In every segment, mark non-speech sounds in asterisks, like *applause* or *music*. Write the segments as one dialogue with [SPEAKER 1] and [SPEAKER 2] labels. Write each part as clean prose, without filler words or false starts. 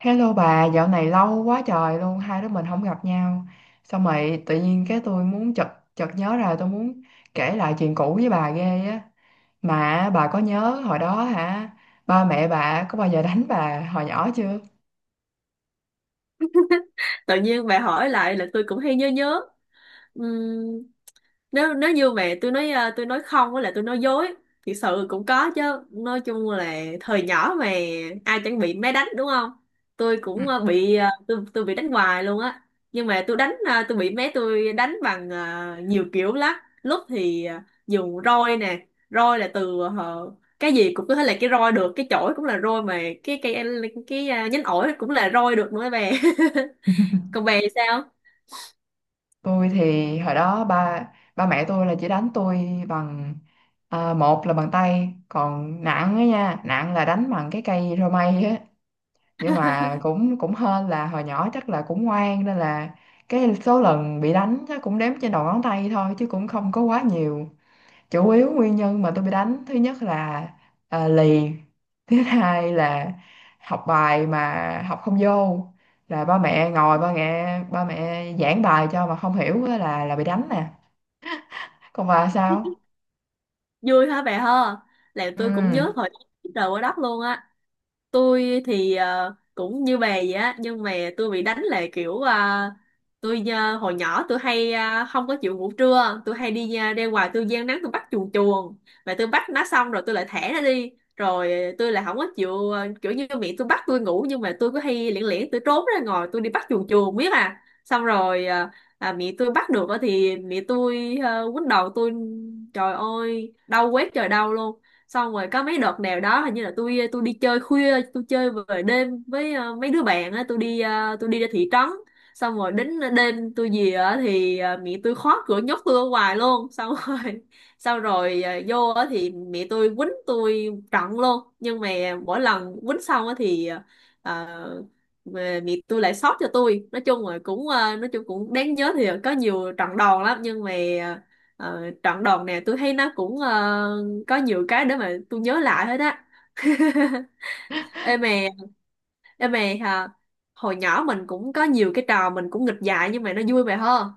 [SPEAKER 1] Hello bà, dạo này lâu quá trời luôn, hai đứa mình không gặp nhau. Xong rồi tự nhiên cái tôi muốn chợt chợt nhớ ra tôi muốn kể lại chuyện cũ với bà ghê á. Mà bà có nhớ hồi đó hả? Ba mẹ bà có bao giờ đánh bà hồi nhỏ chưa?
[SPEAKER 2] Tự nhiên bà hỏi lại là tôi cũng hay nhớ nhớ. Ừm, nếu nếu như mà tôi nói, tôi nói không, với lại tôi nói dối thực sự cũng có chứ. Nói chung là thời nhỏ mà ai chẳng bị máy đánh đúng không. Tôi
[SPEAKER 1] Ừ.
[SPEAKER 2] cũng bị, tôi bị đánh hoài luôn á. Nhưng mà tôi đánh, tôi bị mé tôi đánh bằng, nhiều kiểu lắm. Lúc thì dùng roi nè, roi là từ cái gì cũng có thể là cái roi được, cái chổi cũng là roi mà, cái cái cái, cái nhánh ổi cũng là roi được nữa bè. *laughs*
[SPEAKER 1] *laughs*
[SPEAKER 2] Còn bè thì sao?
[SPEAKER 1] Tôi thì hồi đó ba ba mẹ tôi là chỉ đánh tôi bằng một là bằng tay, còn nặng á nha, nặng là đánh bằng cái cây roi mây á. Nhưng mà cũng cũng hên là hồi nhỏ chắc là cũng ngoan nên là cái số lần bị đánh chắc cũng đếm trên đầu ngón tay thôi chứ cũng không có quá nhiều. Chủ yếu nguyên nhân mà tôi bị đánh thứ nhất là lì, thứ hai là học bài mà học không vô, là ba mẹ ngồi ba mẹ giảng bài cho mà không hiểu á là bị đánh nè. Còn bà sao?
[SPEAKER 2] Vui hả bà ha. Là
[SPEAKER 1] Ừ.
[SPEAKER 2] tôi cũng nhớ thời trời quá đất luôn á. Tôi thì cũng như bà vậy á, nhưng mà tôi bị đánh là kiểu tôi, hồi nhỏ tôi hay không có chịu ngủ trưa, tôi hay đi ra ngoài tôi giang nắng tôi bắt chuồn chuồn. Mà tôi bắt nó xong rồi tôi lại thả nó đi, rồi tôi lại không có chịu, kiểu như miệng tôi bắt tôi ngủ, nhưng mà tôi cứ hay lẻn lẻn, tôi trốn ra ngoài tôi đi bắt chuồn chuồn biết à, xong rồi mẹ tôi bắt được á thì mẹ tôi quýnh đầu tôi. Trời ơi đau quét trời đau luôn. Xong rồi có mấy đợt nào đó hình như là tôi đi chơi khuya, tôi chơi về đêm với mấy đứa bạn á, tôi đi, tôi đi ra thị trấn. Xong rồi đến đêm tôi về á thì mẹ tôi khóa cửa nhốt tôi ở ngoài luôn, xong rồi *laughs* xong rồi vô á thì mẹ tôi quýnh tôi trận luôn. Nhưng mà mỗi lần quýnh xong á thì, ờ, mà mẹ tôi lại xót cho tôi. Nói chung là cũng, nói chung cũng đáng nhớ, thì có nhiều trận đòn lắm, nhưng mà trận đòn này tôi thấy nó cũng có nhiều cái để mà tôi nhớ lại hết á. *laughs* Ê mè. Ê mè hả. Hồi nhỏ mình cũng có nhiều cái trò mình cũng nghịch dại nhưng mà nó vui mày hơn.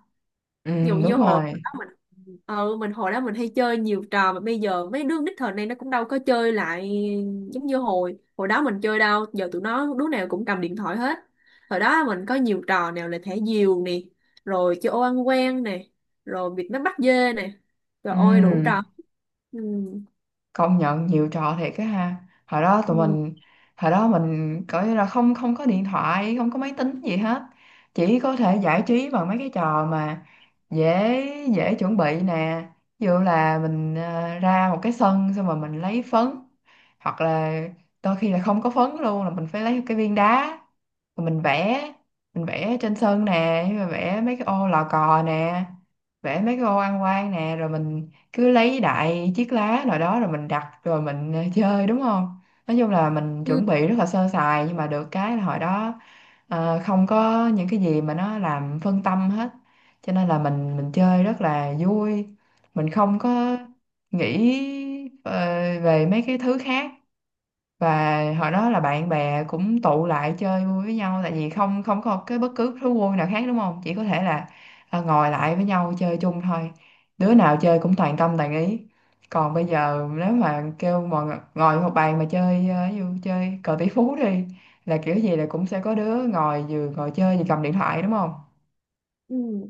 [SPEAKER 1] Ừ,
[SPEAKER 2] Ví dụ như
[SPEAKER 1] đúng
[SPEAKER 2] hồi
[SPEAKER 1] rồi.
[SPEAKER 2] đó mình. Ừ, mình hồi đó mình hay chơi nhiều trò mà bây giờ mấy đứa nít thời nay nó cũng đâu có chơi lại, giống như hồi hồi đó mình chơi đâu, giờ tụi nó đứa nào cũng cầm điện thoại hết. Hồi đó mình có nhiều trò, nào là thả diều nè, rồi chơi ô ăn quan nè, rồi việc nó bắt dê nè, rồi ôi đủ
[SPEAKER 1] Ừ,
[SPEAKER 2] trò. Ừ.
[SPEAKER 1] công nhận nhiều trò thiệt á ha. Hồi đó tụi
[SPEAKER 2] Ừ.
[SPEAKER 1] mình, hồi đó mình coi như là không không có điện thoại, không có máy tính gì hết, chỉ có thể giải trí bằng mấy cái trò mà dễ dễ chuẩn bị nè. Ví dụ là mình ra một cái sân xong rồi mình lấy phấn, hoặc là đôi khi là không có phấn luôn là mình phải lấy cái viên đá rồi mình vẽ, mình vẽ trên sân nè, rồi vẽ mấy cái ô lò cò nè, vẽ mấy cái ô ăn quan nè, rồi mình cứ lấy đại chiếc lá nào đó rồi mình đặt rồi mình chơi đúng không. Nói chung là mình
[SPEAKER 2] Ừ.
[SPEAKER 1] chuẩn bị rất là sơ sài nhưng mà được cái là hồi đó không có những cái gì mà nó làm phân tâm hết, cho nên là mình chơi rất là vui. Mình không có nghĩ ờ, về mấy cái thứ khác. Và hồi đó là bạn bè cũng tụ lại chơi vui với nhau tại vì không không có cái bất cứ thú vui nào khác đúng không, chỉ có thể là ngồi lại với nhau chơi chung thôi. Đứa nào chơi cũng toàn tâm toàn ý. Còn bây giờ nếu mà kêu ngồi một bàn mà chơi ví dụ chơi cờ tỷ phú đi, là kiểu gì là cũng sẽ có đứa ngồi vừa ngồi chơi vừa cầm điện thoại đúng không.
[SPEAKER 2] Ừ.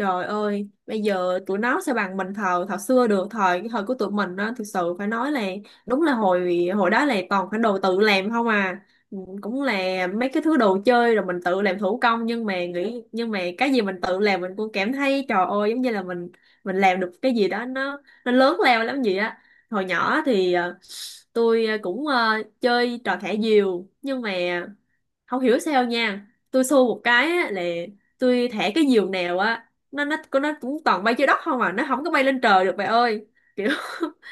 [SPEAKER 2] Trời ơi, bây giờ tụi nó sẽ bằng mình thời thời xưa được, thời cái thời của tụi mình á, thực sự phải nói là đúng là hồi hồi đó là toàn phải đồ tự làm không à. Ừ, cũng là mấy cái thứ đồ chơi rồi mình tự làm thủ công, nhưng mà nghĩ nhưng mà cái gì mình tự làm mình cũng cảm thấy trời ơi, giống như là mình làm được cái gì đó nó lớn lao lắm vậy á. Hồi nhỏ thì tôi cũng chơi trò thả diều, nhưng mà không hiểu sao nha, tôi xô một cái á, là tôi thả cái diều nào á nó nó cũng toàn bay trên đất không à, nó không có bay lên trời được bà ơi, kiểu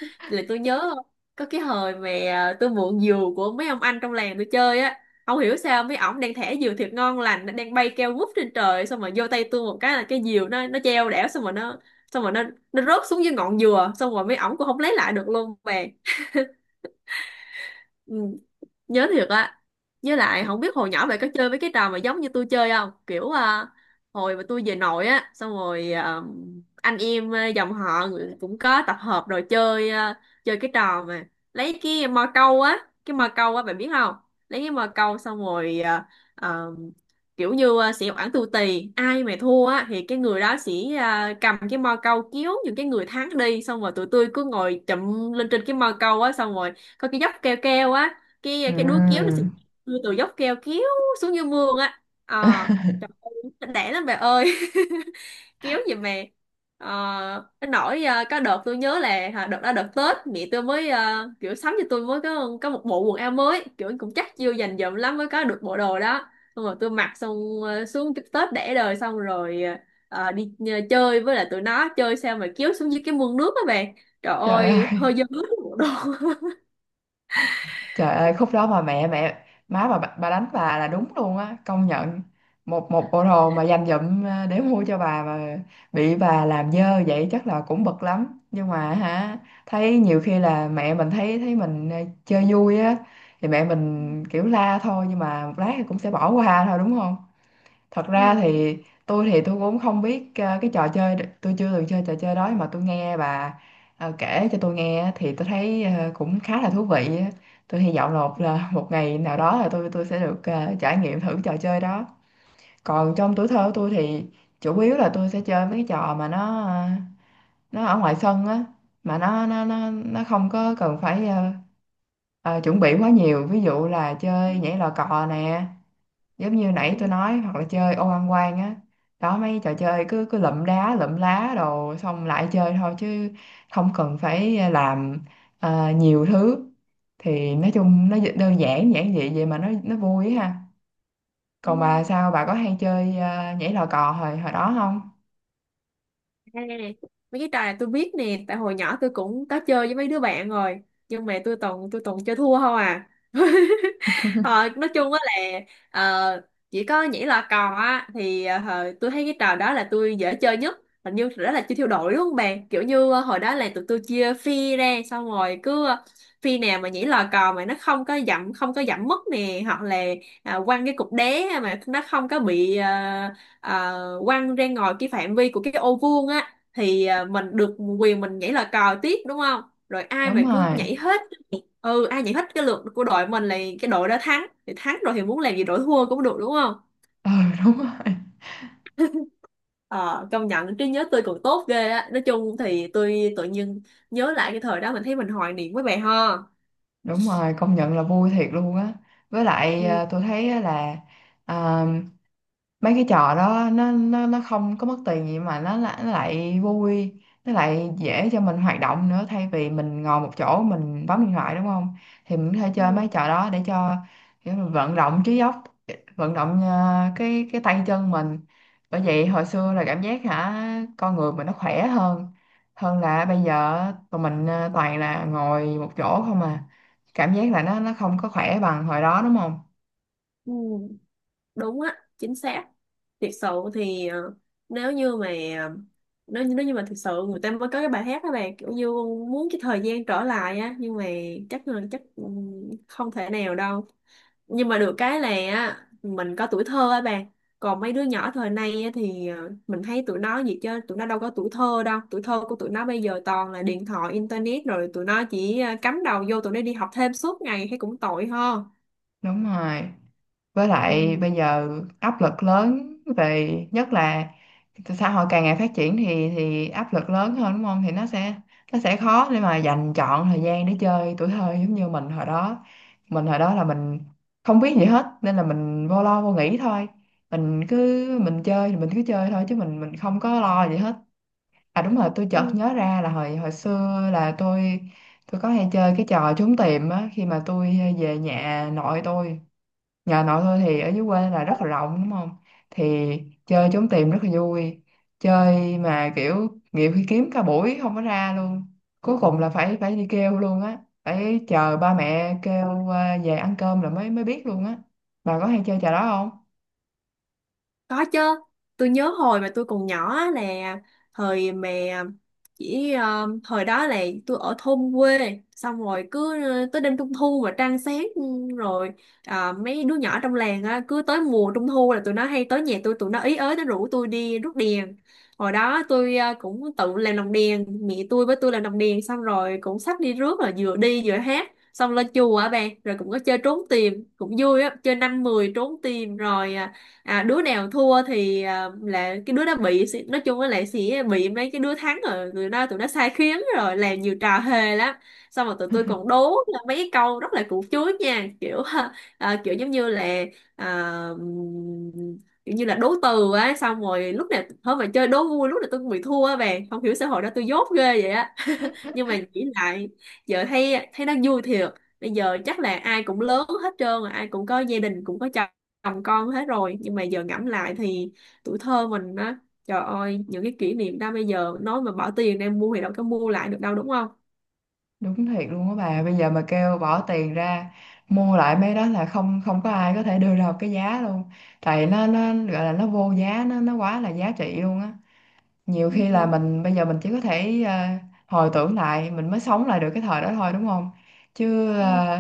[SPEAKER 2] *laughs* là tôi nhớ có cái hồi mà tôi mượn diều của mấy ông anh trong làng tôi chơi á, không hiểu sao mấy ổng đang thả diều thiệt ngon lành, nó đang bay keo vút trên trời, xong rồi vô tay tôi một cái là cái diều nó treo đẻo, xong rồi nó, xong rồi nó rớt xuống dưới ngọn dừa, xong rồi mấy ổng cũng không lấy lại được luôn bà. Ừ. Nhớ thiệt á. Với lại không biết hồi nhỏ mày có chơi với cái trò mà giống như tôi chơi không, kiểu hồi mà tôi về nội á xong rồi, anh em, dòng họ người- cũng có tập hợp rồi chơi, chơi cái trò mà lấy cái mò câu á, cái mò câu á bạn biết không, lấy cái mò câu xong rồi, à, kiểu như sẽ oản tù tì ai mà thua á thì cái người đó sẽ cầm cái mò câu kéo những cái người thắng đi, xong rồi tụi tôi cứ ngồi chụm lên trên cái mò câu á, xong rồi có cái dốc keo keo á, cái đúa kéo nó sẽ
[SPEAKER 1] Ừm.
[SPEAKER 2] đưa từ dốc keo kéo xuống như mương á, ờ
[SPEAKER 1] *laughs*
[SPEAKER 2] trời ơi đẻ lắm bà ơi *laughs* kéo gì mà ờ, nó nổi, có đợt tôi nhớ là hả, đợt đó đợt Tết mẹ tôi mới kiểu sắm cho tôi mới có một bộ quần áo mới, kiểu cũng chắc chưa dành dụm lắm mới có được bộ đồ đó. Xong rồi tôi mặc xong xuống cái Tết đẻ đời, xong rồi đi chơi với lại tụi nó chơi sao mà kéo xuống dưới cái mương nước á bạn, trời
[SPEAKER 1] Trời ơi.
[SPEAKER 2] ơi hơi dơ hết bộ đồ.
[SPEAKER 1] Trời ơi, khúc đó mà mẹ mẹ má bà đánh bà là đúng luôn á, công nhận. Một một bộ đồ mà dành dụm để mua cho bà mà bị bà làm dơ vậy chắc là cũng bực lắm, nhưng mà hả, thấy nhiều khi là mẹ mình thấy thấy mình chơi vui á thì mẹ mình
[SPEAKER 2] *laughs*
[SPEAKER 1] kiểu la thôi, nhưng mà một lát thì cũng sẽ bỏ qua thôi đúng không. Thật
[SPEAKER 2] Ừ.
[SPEAKER 1] ra thì tôi cũng không biết cái trò chơi, tôi chưa từng chơi trò chơi đó, nhưng mà tôi nghe bà kể cho tôi nghe á, thì tôi thấy cũng khá là thú vị á. Tôi hy vọng là một ngày nào đó là tôi sẽ được trải nghiệm thử trò chơi đó. Còn trong tuổi thơ của tôi thì chủ yếu là tôi sẽ chơi mấy cái trò mà nó nó ở ngoài sân á, mà nó không có cần phải chuẩn bị quá nhiều, ví dụ là chơi nhảy lò cò nè, giống như nãy tôi
[SPEAKER 2] Ừ.
[SPEAKER 1] nói, hoặc là chơi ô ăn quan á. Đó, mấy trò chơi cứ cứ lụm đá lụm lá đồ xong lại chơi thôi chứ không cần phải làm nhiều thứ. Thì nói chung nó đơn giản giản dị vậy mà nó vui á ha.
[SPEAKER 2] Ừ.
[SPEAKER 1] Còn bà sao, bà có hay chơi nhảy lò cò hồi hồi đó không?
[SPEAKER 2] À, mấy cái trò này tôi biết nè tại hồi nhỏ tôi cũng có chơi với mấy đứa bạn rồi, nhưng mà tôi toàn chơi thua không à. Ờ, nói chung á là ờ, chỉ có nhảy lò cò á thì tôi thấy cái trò đó là tôi dễ chơi nhất. Hình như đó là chơi theo đội đúng không bạn, kiểu như hồi đó là tụi tôi chia phi ra, xong rồi cứ phi nào mà nhảy lò cò mà nó không có dặm, không có dặm mất nè, hoặc là quăng cái cục đá mà nó không có bị quăng ra ngoài cái phạm vi của cái ô vuông á, thì mình được quyền mình nhảy lò cò tiếp đúng không. Rồi ai mà
[SPEAKER 1] Đúng
[SPEAKER 2] cứ
[SPEAKER 1] rồi.
[SPEAKER 2] nhảy hết. Ừ, ai giải thích cái luật của đội mình là cái đội đó thắng, thì thắng rồi thì muốn làm gì đội thua cũng được đúng không.
[SPEAKER 1] *laughs* Ừ, đúng rồi.
[SPEAKER 2] Ờ công nhận trí nhớ tôi còn tốt ghê á. Nói chung thì tôi tự nhiên nhớ lại cái thời đó mình thấy mình hoài niệm với bà ho.
[SPEAKER 1] Đúng rồi, công nhận là vui thiệt luôn á. Với lại
[SPEAKER 2] Ừ.
[SPEAKER 1] tôi thấy á là mấy cái trò đó nó không có mất tiền gì mà nó lại vui, nó lại dễ cho mình hoạt động nữa, thay vì mình ngồi một chỗ mình bấm điện thoại đúng không, thì mình có thể chơi
[SPEAKER 2] Ừ.
[SPEAKER 1] mấy trò đó để cho kiểu mình vận động trí óc, vận động cái tay chân mình. Bởi vậy hồi xưa là cảm giác hả, con người mình nó khỏe hơn, hơn là bây giờ tụi mình toàn là ngồi một chỗ không à, cảm giác là nó không có khỏe bằng hồi đó đúng không.
[SPEAKER 2] Ừ, đúng á chính xác thiệt sự. Thì nếu như mà ờ, nếu như mà thực sự người ta mới có cái bài hát đó bà, kiểu như muốn cái thời gian trở lại á, nhưng mà chắc là chắc ừ, không thể nào đâu. Nhưng mà được cái là á, mình có tuổi thơ á bạn. Còn mấy đứa nhỏ thời nay á, thì mình thấy tụi nó gì chứ tụi nó đâu có tuổi thơ đâu, tuổi thơ của tụi nó bây giờ toàn là điện thoại internet, rồi tụi nó chỉ cắm đầu vô, tụi nó đi học thêm suốt ngày thấy cũng tội ho.
[SPEAKER 1] Đúng rồi, với lại
[SPEAKER 2] Ừ.
[SPEAKER 1] bây giờ áp lực lớn về nhất là xã hội càng ngày phát triển thì áp lực lớn hơn đúng không, thì nó sẽ khó để mà dành trọn thời gian để chơi tuổi thơ giống như mình hồi đó. Mình hồi đó là mình không biết gì hết nên là mình vô lo vô nghĩ thôi, mình cứ mình chơi thì mình cứ chơi thôi chứ mình không có lo gì hết. À đúng rồi, tôi chợt
[SPEAKER 2] Ừ.
[SPEAKER 1] nhớ ra là hồi hồi xưa là tôi có hay chơi cái trò trốn tìm á khi mà tôi về nhà nội tôi. Nhà nội thôi thì ở dưới quê là rất là rộng đúng không? Thì chơi trốn tìm rất là vui. Chơi mà kiểu nhiều khi kiếm cả buổi không có ra luôn. Cuối cùng là phải phải đi kêu luôn á. Phải chờ ba mẹ kêu về ăn cơm là mới mới biết luôn á. Bà có hay chơi trò đó không?
[SPEAKER 2] Có chứ, tôi nhớ hồi mà tôi còn nhỏ á là thời mà chỉ, thời đó là tôi ở thôn quê, xong rồi cứ tới đêm trung thu mà trăng sáng ừ, rồi mấy đứa nhỏ trong làng á, cứ tới mùa trung thu là tụi nó hay tới nhà tôi tụi nó ý ới, nó rủ tôi đi rước đèn. Hồi đó tôi cũng tự làm lồng đèn, mẹ tôi với tôi làm lồng đèn, xong rồi cũng xách đi rước là vừa đi vừa hát, xong lên chùa á bạn, rồi cũng có chơi trốn tìm cũng vui á, chơi năm mười trốn tìm rồi đứa nào thua thì là cái đứa đó bị, nói chung là lại sẽ bị mấy cái đứa thắng rồi tụi nó sai khiến rồi làm nhiều trò hề lắm. Xong rồi tụi tôi còn đố là mấy cái câu rất là củ chuối nha, kiểu *laughs* kiểu giống như là à, kiểu như là đố từ á, xong rồi lúc nào thôi mà chơi đố vui lúc nào tôi cũng bị thua á bạn, không hiểu xã hội đó tôi dốt ghê vậy á. *laughs* Nhưng mà nghĩ lại giờ thấy thấy nó vui thiệt. Bây giờ chắc là ai cũng lớn hết trơn rồi, ai cũng có gia đình cũng có chồng con hết rồi, nhưng mà giờ ngẫm lại thì tuổi thơ mình á, trời ơi những cái kỷ niệm đó bây giờ nói mà bỏ tiền ra mua thì đâu có mua lại được đâu đúng không.
[SPEAKER 1] Đúng thiệt luôn á bà. Bây giờ mà kêu bỏ tiền ra mua lại mấy đó là không không có ai có thể đưa ra một cái giá luôn. Tại nó gọi là nó vô giá, nó quá là giá trị luôn á. Nhiều khi là
[SPEAKER 2] Ừ,
[SPEAKER 1] mình bây giờ mình chỉ có thể hồi tưởng lại mình mới sống lại được cái thời đó thôi đúng không, chứ
[SPEAKER 2] ừ,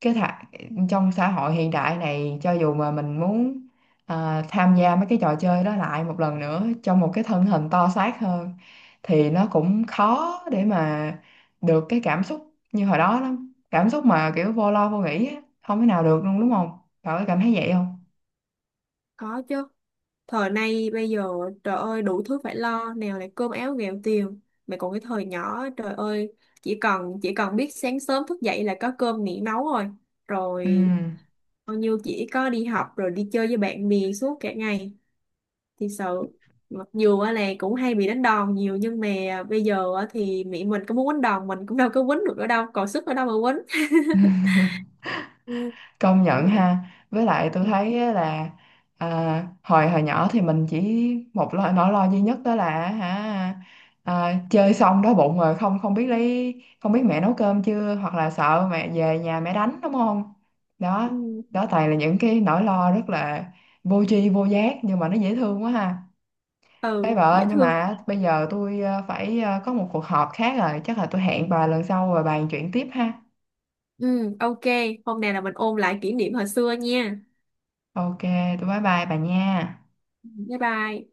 [SPEAKER 1] cái thà, trong xã hội hiện đại này cho dù mà mình muốn tham gia mấy cái trò chơi đó lại một lần nữa trong một cái thân hình to xác hơn thì nó cũng khó để mà được cái cảm xúc như hồi đó lắm. Cảm xúc mà kiểu vô lo vô nghĩ á, không thể nào được luôn đúng không, cậu có cảm thấy vậy không?
[SPEAKER 2] có chứ. Thời nay bây giờ trời ơi đủ thứ phải lo, nào là cơm áo gạo tiền, mà còn cái thời nhỏ trời ơi chỉ cần biết sáng sớm thức dậy là có cơm nghỉ nấu rồi,
[SPEAKER 1] Ừ,
[SPEAKER 2] rồi bao nhiêu chỉ có đi học rồi đi chơi với bạn bè suốt cả ngày, thì sợ, mặc dù á là cũng hay bị đánh đòn nhiều, nhưng mà bây giờ á thì mẹ mình có muốn quýnh đòn mình cũng đâu có quýnh được nữa đâu còn sức ở đâu mà quýnh. *laughs* Ừ,
[SPEAKER 1] công
[SPEAKER 2] kiểu
[SPEAKER 1] nhận
[SPEAKER 2] vậy.
[SPEAKER 1] ha. Với lại tôi
[SPEAKER 2] Ừ,
[SPEAKER 1] thấy á là hồi hồi nhỏ thì mình chỉ một lo, nỗi lo duy nhất đó là hả, chơi xong đói bụng rồi không, không biết lấy, không biết mẹ nấu cơm chưa, hoặc là sợ mẹ về nhà mẹ đánh đúng không. Đó,
[SPEAKER 2] ừ.
[SPEAKER 1] đó toàn là những cái nỗi lo rất là vô tri vô giác nhưng mà nó dễ thương quá ha. Ê
[SPEAKER 2] Ừ,
[SPEAKER 1] bà ơi,
[SPEAKER 2] dễ
[SPEAKER 1] nhưng
[SPEAKER 2] thương.
[SPEAKER 1] mà bây giờ tôi phải có một cuộc họp khác rồi, chắc là tôi hẹn bà lần sau rồi bàn chuyện tiếp ha.
[SPEAKER 2] Ừ, ok. Hôm nay là mình ôn lại kỷ niệm hồi xưa nha.
[SPEAKER 1] Ok, tôi bye bye bà nha.
[SPEAKER 2] Bye bye.